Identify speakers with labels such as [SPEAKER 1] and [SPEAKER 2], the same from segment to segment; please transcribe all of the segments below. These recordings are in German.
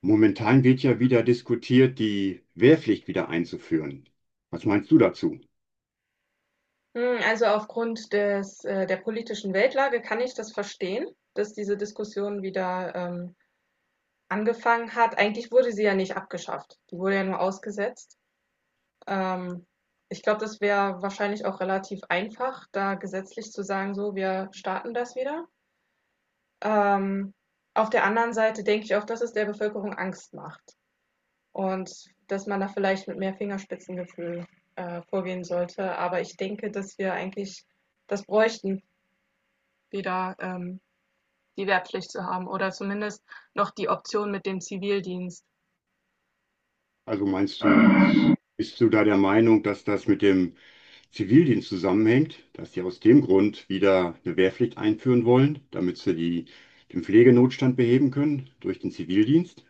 [SPEAKER 1] Momentan wird ja wieder diskutiert, die Wehrpflicht wieder einzuführen. Was meinst du dazu?
[SPEAKER 2] Also aufgrund des der politischen Weltlage kann ich das verstehen, dass diese Diskussion wieder angefangen hat. Eigentlich wurde sie ja nicht abgeschafft. Die wurde ja nur ausgesetzt. Ähm, Ich glaube, das wäre wahrscheinlich auch relativ einfach, da gesetzlich zu sagen, so, wir starten das wieder. Ähm, auf der anderen Seite denke ich auch, dass es der Bevölkerung Angst macht und dass man da vielleicht mit mehr Fingerspitzengefühl vorgehen sollte. Aber ich denke, dass wir eigentlich das bräuchten Wieder die Wehrpflicht zu haben oder zumindest noch die Option mit dem Zivildienst.
[SPEAKER 1] Also meinst du, bist du da der Meinung, dass das mit dem Zivildienst zusammenhängt, dass sie aus dem Grund wieder eine Wehrpflicht einführen wollen, damit sie die, den Pflegenotstand beheben können durch den Zivildienst?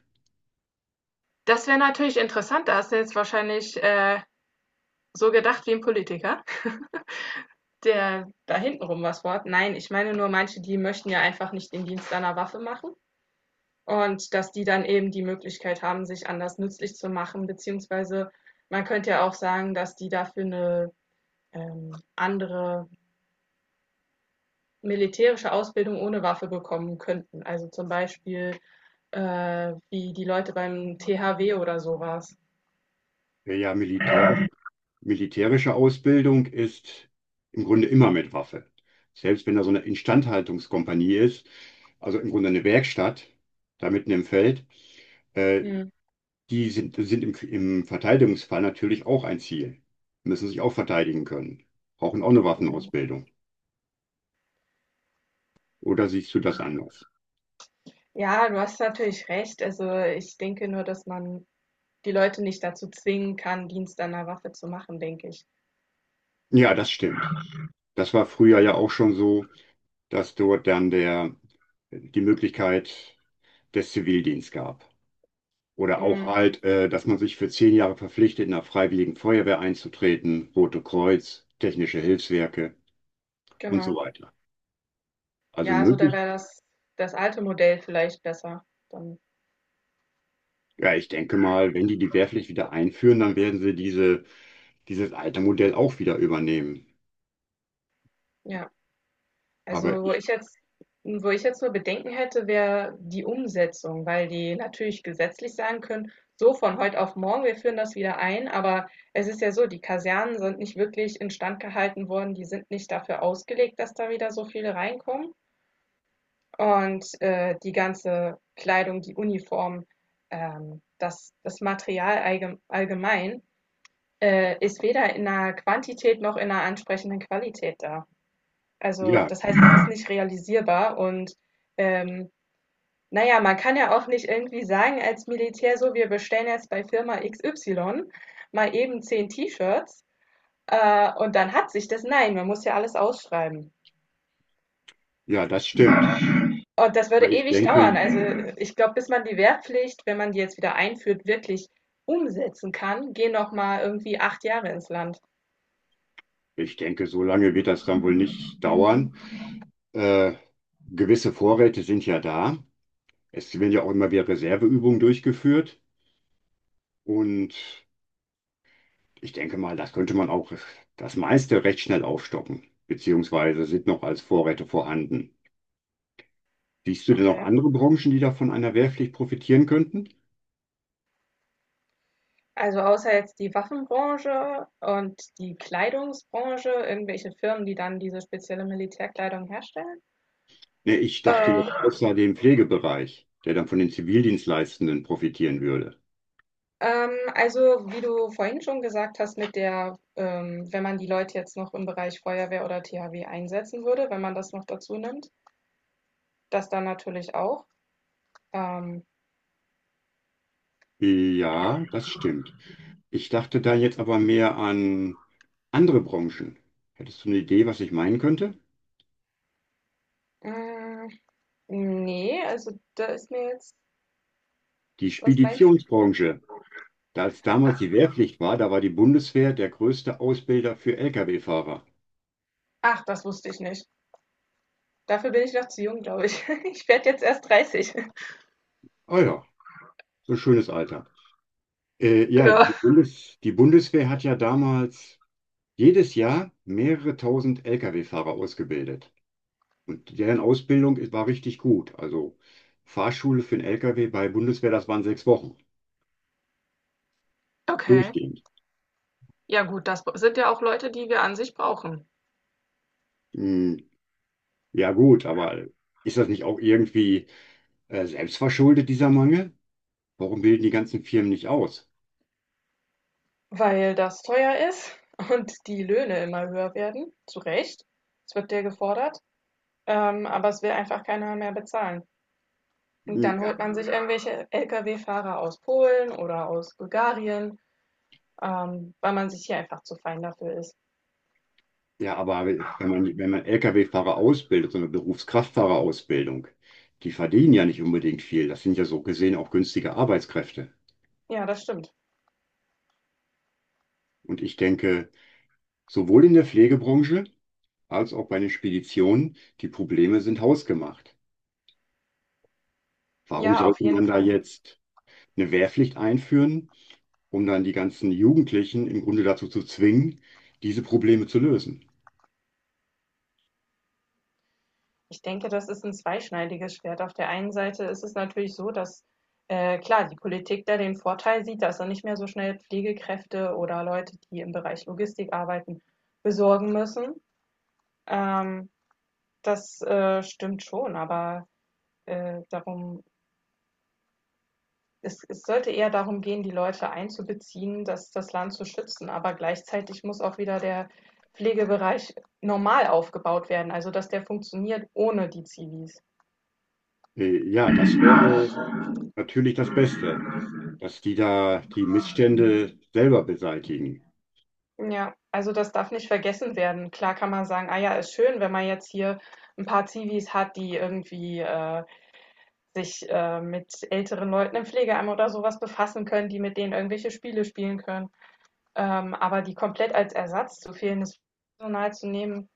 [SPEAKER 2] Das wäre natürlich interessant, da hast du jetzt wahrscheinlich so gedacht wie ein Politiker, der da hintenrum was wort. Nein, ich meine nur manche, die möchten ja einfach nicht den Dienst einer Waffe machen und dass die dann eben die Möglichkeit haben, sich anders nützlich zu machen, beziehungsweise man könnte ja auch sagen, dass die dafür eine andere militärische Ausbildung ohne Waffe bekommen könnten. Also zum Beispiel wie die Leute beim THW oder sowas.
[SPEAKER 1] Der ja militärische Ausbildung ist im Grunde immer mit Waffe. Selbst wenn da so eine Instandhaltungskompanie ist, also im Grunde eine Werkstatt da mitten im Feld. Äh,
[SPEAKER 2] Mhm.
[SPEAKER 1] Die sind im Verteidigungsfall natürlich auch ein Ziel. Müssen sich auch verteidigen können. Brauchen auch eine Waffenausbildung. Oder siehst du das anders?
[SPEAKER 2] Ja, du hast natürlich recht. Also ich denke nur, dass man die Leute nicht dazu zwingen kann, Dienst an der Waffe zu machen, denke ich.
[SPEAKER 1] Ja, das stimmt. Das war früher ja auch schon so, dass dort dann der, die Möglichkeit des Zivildienst gab. Oder auch
[SPEAKER 2] Mhm.
[SPEAKER 1] dass man sich für 10 Jahre verpflichtet, in der Freiwilligen Feuerwehr einzutreten, Rote Kreuz, technische Hilfswerke und so
[SPEAKER 2] Genau.
[SPEAKER 1] weiter. Also
[SPEAKER 2] Ja, also da
[SPEAKER 1] möglich.
[SPEAKER 2] wäre das, das alte Modell vielleicht besser. Dann,
[SPEAKER 1] Ja, ich denke mal, wenn die Wehrpflicht wieder einführen, dann werden sie dieses alte Modell auch wieder übernehmen.
[SPEAKER 2] ja.
[SPEAKER 1] Aber
[SPEAKER 2] Also, wo
[SPEAKER 1] ich,
[SPEAKER 2] ich jetzt wo ich jetzt nur Bedenken hätte, wäre die Umsetzung, weil die natürlich gesetzlich sagen können, so von heute auf morgen, wir führen das wieder ein, aber es ist ja so, die Kasernen sind nicht wirklich instand gehalten worden, die sind nicht dafür ausgelegt, dass da wieder so viele reinkommen. Und die ganze Kleidung, die Uniform, das Material allgemein ist weder in einer Quantität noch in einer ansprechenden Qualität da. Also,
[SPEAKER 1] ja,
[SPEAKER 2] das heißt, es ist nicht realisierbar und ähm, naja, man kann ja auch nicht irgendwie sagen als Militär so, wir bestellen jetzt bei Firma XY mal eben 10 T-Shirts und dann hat sich das. Nein, man muss ja alles ausschreiben.
[SPEAKER 1] ja, das stimmt.
[SPEAKER 2] Und das würde
[SPEAKER 1] Weil ich
[SPEAKER 2] ewig dauern.
[SPEAKER 1] denke,
[SPEAKER 2] Also ich glaube, bis man die Wehrpflicht, wenn man die jetzt wieder einführt, wirklich umsetzen kann, gehen noch mal irgendwie 8 Jahre ins Land.
[SPEAKER 1] ich denke, so lange wird das dann wohl nicht dauern. Äh, gewisse Vorräte sind ja da. Es werden ja auch immer wieder Reserveübungen durchgeführt. Und ich denke mal, das könnte man auch das meiste recht schnell aufstocken, beziehungsweise sind noch als Vorräte vorhanden. Siehst du denn noch
[SPEAKER 2] Okay.
[SPEAKER 1] andere Branchen, die da von einer Wehrpflicht profitieren könnten?
[SPEAKER 2] Also außer jetzt die Waffenbranche und die Kleidungsbranche, irgendwelche Firmen, die dann diese spezielle Militärkleidung herstellen.
[SPEAKER 1] Ne, ich dachte
[SPEAKER 2] Äh,
[SPEAKER 1] jetzt außer dem Pflegebereich, der dann von den Zivildienstleistenden profitieren würde.
[SPEAKER 2] also wie du vorhin schon gesagt hast, wenn man die Leute jetzt noch im Bereich Feuerwehr oder THW einsetzen würde, wenn man das noch dazu nimmt, das dann natürlich auch. Ähm,
[SPEAKER 1] Ja, das stimmt. Ich dachte da jetzt aber mehr an andere Branchen. Hättest du eine Idee, was ich meinen könnte?
[SPEAKER 2] mh, nee, also da ist mir jetzt,
[SPEAKER 1] Die
[SPEAKER 2] was meinst du?
[SPEAKER 1] Speditionsbranche. Da es damals die Wehrpflicht war, da war die Bundeswehr der größte Ausbilder für Lkw-Fahrer.
[SPEAKER 2] Ach, das wusste ich nicht. Dafür bin ich noch zu jung, glaube ich. Ich werde jetzt erst 30.
[SPEAKER 1] Ah ja, so ein schönes Alter. Ja, die
[SPEAKER 2] Ja,
[SPEAKER 1] Bundes die Bundeswehr hat ja damals jedes Jahr mehrere tausend Lkw-Fahrer ausgebildet. Und deren Ausbildung war richtig gut. Also Fahrschule für den LKW bei Bundeswehr, das waren 6 Wochen.
[SPEAKER 2] okay.
[SPEAKER 1] Durchgehend.
[SPEAKER 2] Ja gut, das sind ja auch Leute, die wir an sich brauchen.
[SPEAKER 1] Hm, ja gut, aber ist das nicht auch irgendwie selbstverschuldet, dieser Mangel? Warum bilden die ganzen Firmen nicht aus?
[SPEAKER 2] Weil das teuer ist und die Löhne immer höher werden, zu Recht. Es wird dir gefordert, aber es will einfach keiner mehr bezahlen. Und dann
[SPEAKER 1] Ja,
[SPEAKER 2] holt man sich irgendwelche Lkw-Fahrer aus Polen oder aus Bulgarien, weil man sich hier einfach zu fein dafür ist.
[SPEAKER 1] ja, aber wenn man, wenn man LKW-Fahrer ausbildet, so eine Berufskraftfahrerausbildung, die verdienen ja nicht unbedingt viel. Das sind ja so gesehen auch günstige Arbeitskräfte.
[SPEAKER 2] Ja, das stimmt.
[SPEAKER 1] Und ich denke, sowohl in der Pflegebranche, als auch bei den Speditionen, die Probleme sind hausgemacht. Warum
[SPEAKER 2] Ja, auf
[SPEAKER 1] sollte
[SPEAKER 2] jeden
[SPEAKER 1] man da
[SPEAKER 2] Fall.
[SPEAKER 1] jetzt eine Wehrpflicht einführen, um dann die ganzen Jugendlichen im Grunde dazu zu zwingen, diese Probleme zu lösen?
[SPEAKER 2] Ich denke, das ist ein zweischneidiges Schwert. Auf der einen Seite ist es natürlich so, dass, klar, die Politik da den Vorteil sieht, dass er nicht mehr so schnell Pflegekräfte oder Leute, die im Bereich Logistik arbeiten, besorgen müssen. Ähm, das, stimmt schon, aber, darum es es sollte eher darum gehen, die Leute einzubeziehen, das das Land zu schützen, aber gleichzeitig muss auch wieder der Pflegebereich normal aufgebaut werden, also dass der funktioniert ohne die Zivis.
[SPEAKER 1] Ja, das wäre natürlich das Beste, dass die da die Missstände selber beseitigen.
[SPEAKER 2] Ja, also das darf nicht vergessen werden. Klar kann man sagen, ah ja, ist schön, wenn man jetzt hier ein paar Zivis hat, die irgendwie, sich, mit älteren Leuten im Pflegeheim oder sowas befassen können, die mit denen irgendwelche Spiele spielen können. Aber die komplett als Ersatz zu fehlendes Personal zu nehmen,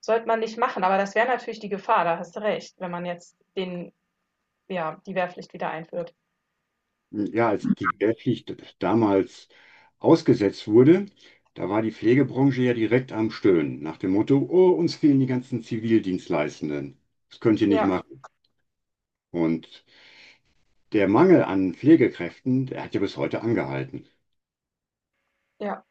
[SPEAKER 2] sollte man nicht machen. Aber das wäre natürlich die Gefahr, da hast du recht, wenn man jetzt den ja, die Wehrpflicht wieder einführt.
[SPEAKER 1] Ja, als die Wehrpflicht damals ausgesetzt wurde, da war die Pflegebranche ja direkt am Stöhnen, nach dem Motto, oh, uns fehlen die ganzen Zivildienstleistenden. Das könnt ihr nicht
[SPEAKER 2] Ja,
[SPEAKER 1] machen. Und der Mangel an Pflegekräften, der hat ja bis heute angehalten.
[SPEAKER 2] ja,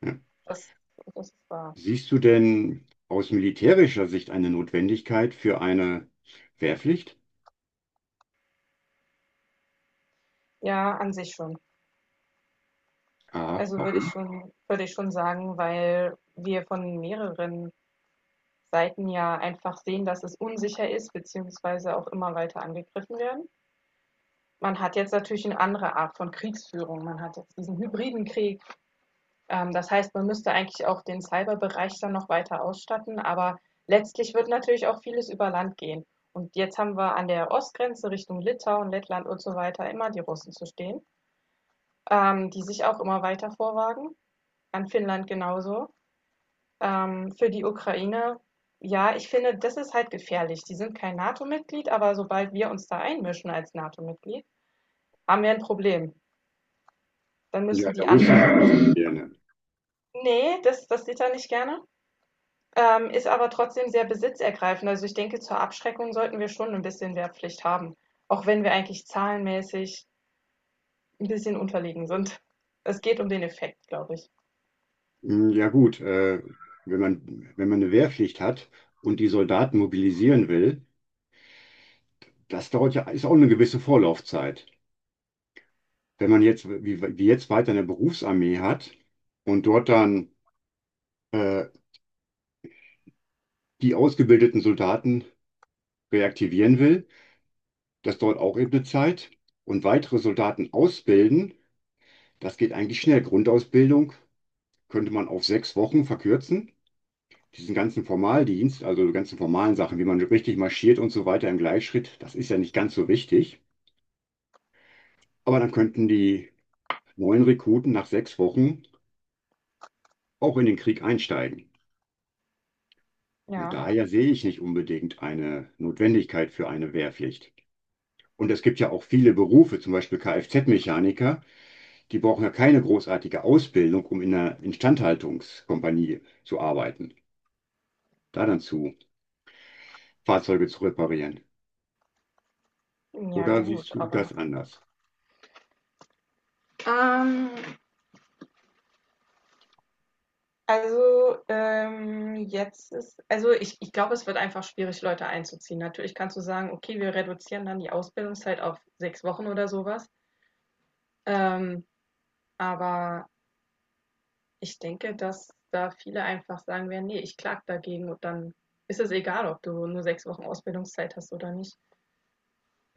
[SPEAKER 1] Ja.
[SPEAKER 2] das ist wahr.
[SPEAKER 1] Siehst du denn aus militärischer Sicht eine Notwendigkeit für eine Wehrpflicht?
[SPEAKER 2] Ja, an sich schon.
[SPEAKER 1] Ah,
[SPEAKER 2] Also
[SPEAKER 1] warum?
[SPEAKER 2] würde ich schon sagen, weil wir von mehreren Seiten ja einfach sehen, dass es unsicher ist, beziehungsweise auch immer weiter angegriffen werden. Man hat jetzt natürlich eine andere Art von Kriegsführung. Man hat jetzt diesen hybriden Krieg. Das heißt, man müsste eigentlich auch den Cyberbereich dann noch weiter ausstatten. Aber letztlich wird natürlich auch vieles über Land gehen. Und jetzt haben wir an der Ostgrenze Richtung Litauen, Lettland und so weiter immer die Russen zu stehen, die sich auch immer weiter vorwagen. An Finnland genauso. Für die Ukraine, ja, ich finde, das ist halt gefährlich. Die sind kein NATO-Mitglied, aber sobald wir uns da einmischen als NATO-Mitglied, haben wir ein Problem. Dann
[SPEAKER 1] Ja,
[SPEAKER 2] müssen
[SPEAKER 1] der
[SPEAKER 2] die
[SPEAKER 1] Russe sieht das
[SPEAKER 2] anderen.
[SPEAKER 1] nicht gerne.
[SPEAKER 2] Nee, das sieht er nicht gerne. Ist aber trotzdem sehr besitzergreifend. Also ich denke, zur Abschreckung sollten wir schon ein bisschen Wehrpflicht haben. Auch wenn wir eigentlich zahlenmäßig ein bisschen unterlegen sind. Es geht um den Effekt, glaube ich.
[SPEAKER 1] Ja gut, wenn man, wenn man eine Wehrpflicht hat und die Soldaten mobilisieren will, das dauert ja, ist auch eine gewisse Vorlaufzeit. Wenn man jetzt, wie jetzt weiter eine Berufsarmee hat und dort dann äh, die ausgebildeten Soldaten reaktivieren will, das dauert auch eben eine Zeit. Und weitere Soldaten ausbilden, das geht eigentlich schnell. Grundausbildung könnte man auf 6 Wochen verkürzen. Diesen ganzen Formaldienst, also die ganzen formalen Sachen, wie man richtig marschiert und so weiter im Gleichschritt, das ist ja nicht ganz so wichtig. Aber dann könnten die neuen Rekruten nach 6 Wochen auch in den Krieg einsteigen. Und
[SPEAKER 2] Ja,
[SPEAKER 1] daher sehe ich nicht unbedingt eine Notwendigkeit für eine Wehrpflicht. Und es gibt ja auch viele Berufe, zum Beispiel Kfz-Mechaniker, die brauchen ja keine großartige Ausbildung, um in einer Instandhaltungskompanie zu arbeiten, da dann zu Fahrzeuge zu reparieren.
[SPEAKER 2] ja,
[SPEAKER 1] Oder
[SPEAKER 2] gut,
[SPEAKER 1] siehst du
[SPEAKER 2] aber.
[SPEAKER 1] das anders?
[SPEAKER 2] Ähm, Also, jetzt ist also, ich glaube, es wird einfach schwierig, Leute einzuziehen. Natürlich kannst du sagen: „Okay, wir reduzieren dann die Ausbildungszeit auf 6 Wochen“ oder sowas. Ähm, aber ich denke, dass da viele einfach sagen werden: Nee, ich klage dagegen“ und dann ist es egal, ob du nur 6 Wochen Ausbildungszeit hast oder nicht.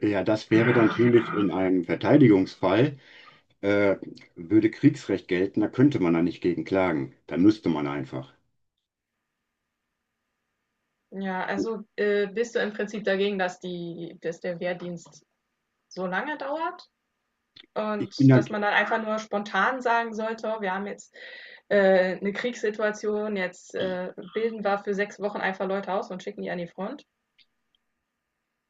[SPEAKER 1] Ja, das wäre dann natürlich in einem Verteidigungsfall, äh, würde Kriegsrecht gelten, da könnte man da nicht gegen klagen. Da müsste man einfach.
[SPEAKER 2] Ja, also, bist du im Prinzip dagegen, dass der Wehrdienst so lange dauert?
[SPEAKER 1] Ich
[SPEAKER 2] Und
[SPEAKER 1] bin da,
[SPEAKER 2] dass man dann einfach nur spontan sagen sollte, oh, wir haben jetzt eine Kriegssituation, jetzt bilden wir für 6 Wochen einfach Leute aus und schicken die an die Front.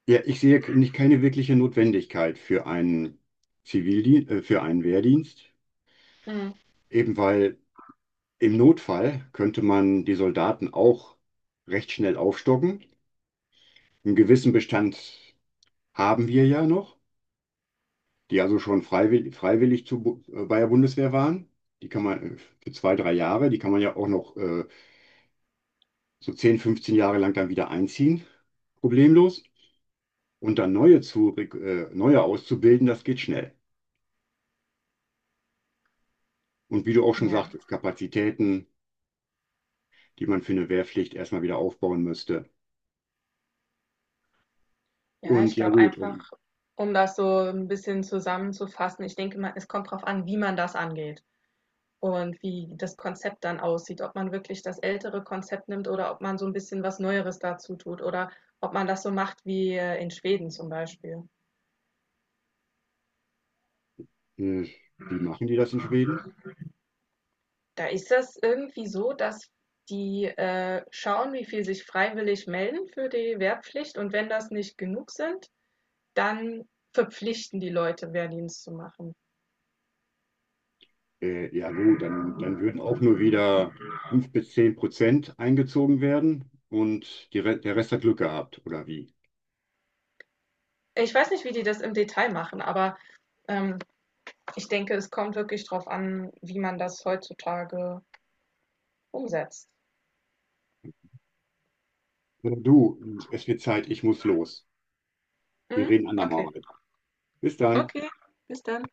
[SPEAKER 1] ja, ich sehe nicht keine wirkliche Notwendigkeit für einen Zivildienst, für einen Wehrdienst,
[SPEAKER 2] Mhm.
[SPEAKER 1] eben weil im Notfall könnte man die Soldaten auch recht schnell aufstocken. Einen gewissen Bestand haben wir ja noch, die also schon freiwillig bei der Bundeswehr waren. Die kann man für 2, 3 Jahre, die kann man ja auch noch so 10, 15 Jahre lang dann wieder einziehen, problemlos. Und dann neue auszubilden, das geht schnell. Und wie du auch schon
[SPEAKER 2] Ja.
[SPEAKER 1] sagtest, Kapazitäten, die man für eine Wehrpflicht erstmal wieder aufbauen müsste.
[SPEAKER 2] Ja,
[SPEAKER 1] Und
[SPEAKER 2] ich
[SPEAKER 1] ja
[SPEAKER 2] glaube
[SPEAKER 1] gut,
[SPEAKER 2] einfach, um das so ein bisschen zusammenzufassen, ich denke mal, es kommt darauf an, wie man das angeht und wie das Konzept dann aussieht, ob man wirklich das ältere Konzept nimmt oder ob man so ein bisschen was Neueres dazu tut oder ob man das so macht wie in Schweden zum Beispiel.
[SPEAKER 1] äh, wie machen die das in Schweden?
[SPEAKER 2] Da ist das irgendwie so, dass die schauen, wie viel sich freiwillig melden für die Wehrpflicht und wenn das nicht genug sind, dann verpflichten die Leute, Wehrdienst zu machen.
[SPEAKER 1] Ja gut, dann würden auch nur wieder 5 bis 10% eingezogen werden und die Re der Rest hat Glück gehabt, oder wie?
[SPEAKER 2] Ich weiß nicht, wie die das im Detail machen, aber ähm, ich denke, es kommt wirklich drauf an, wie man das heutzutage umsetzt.
[SPEAKER 1] Du, es wird Zeit, ich muss los. Wir
[SPEAKER 2] Mhm.
[SPEAKER 1] reden andermal
[SPEAKER 2] Okay,
[SPEAKER 1] weiter. Bis dann.
[SPEAKER 2] okay, bis dann.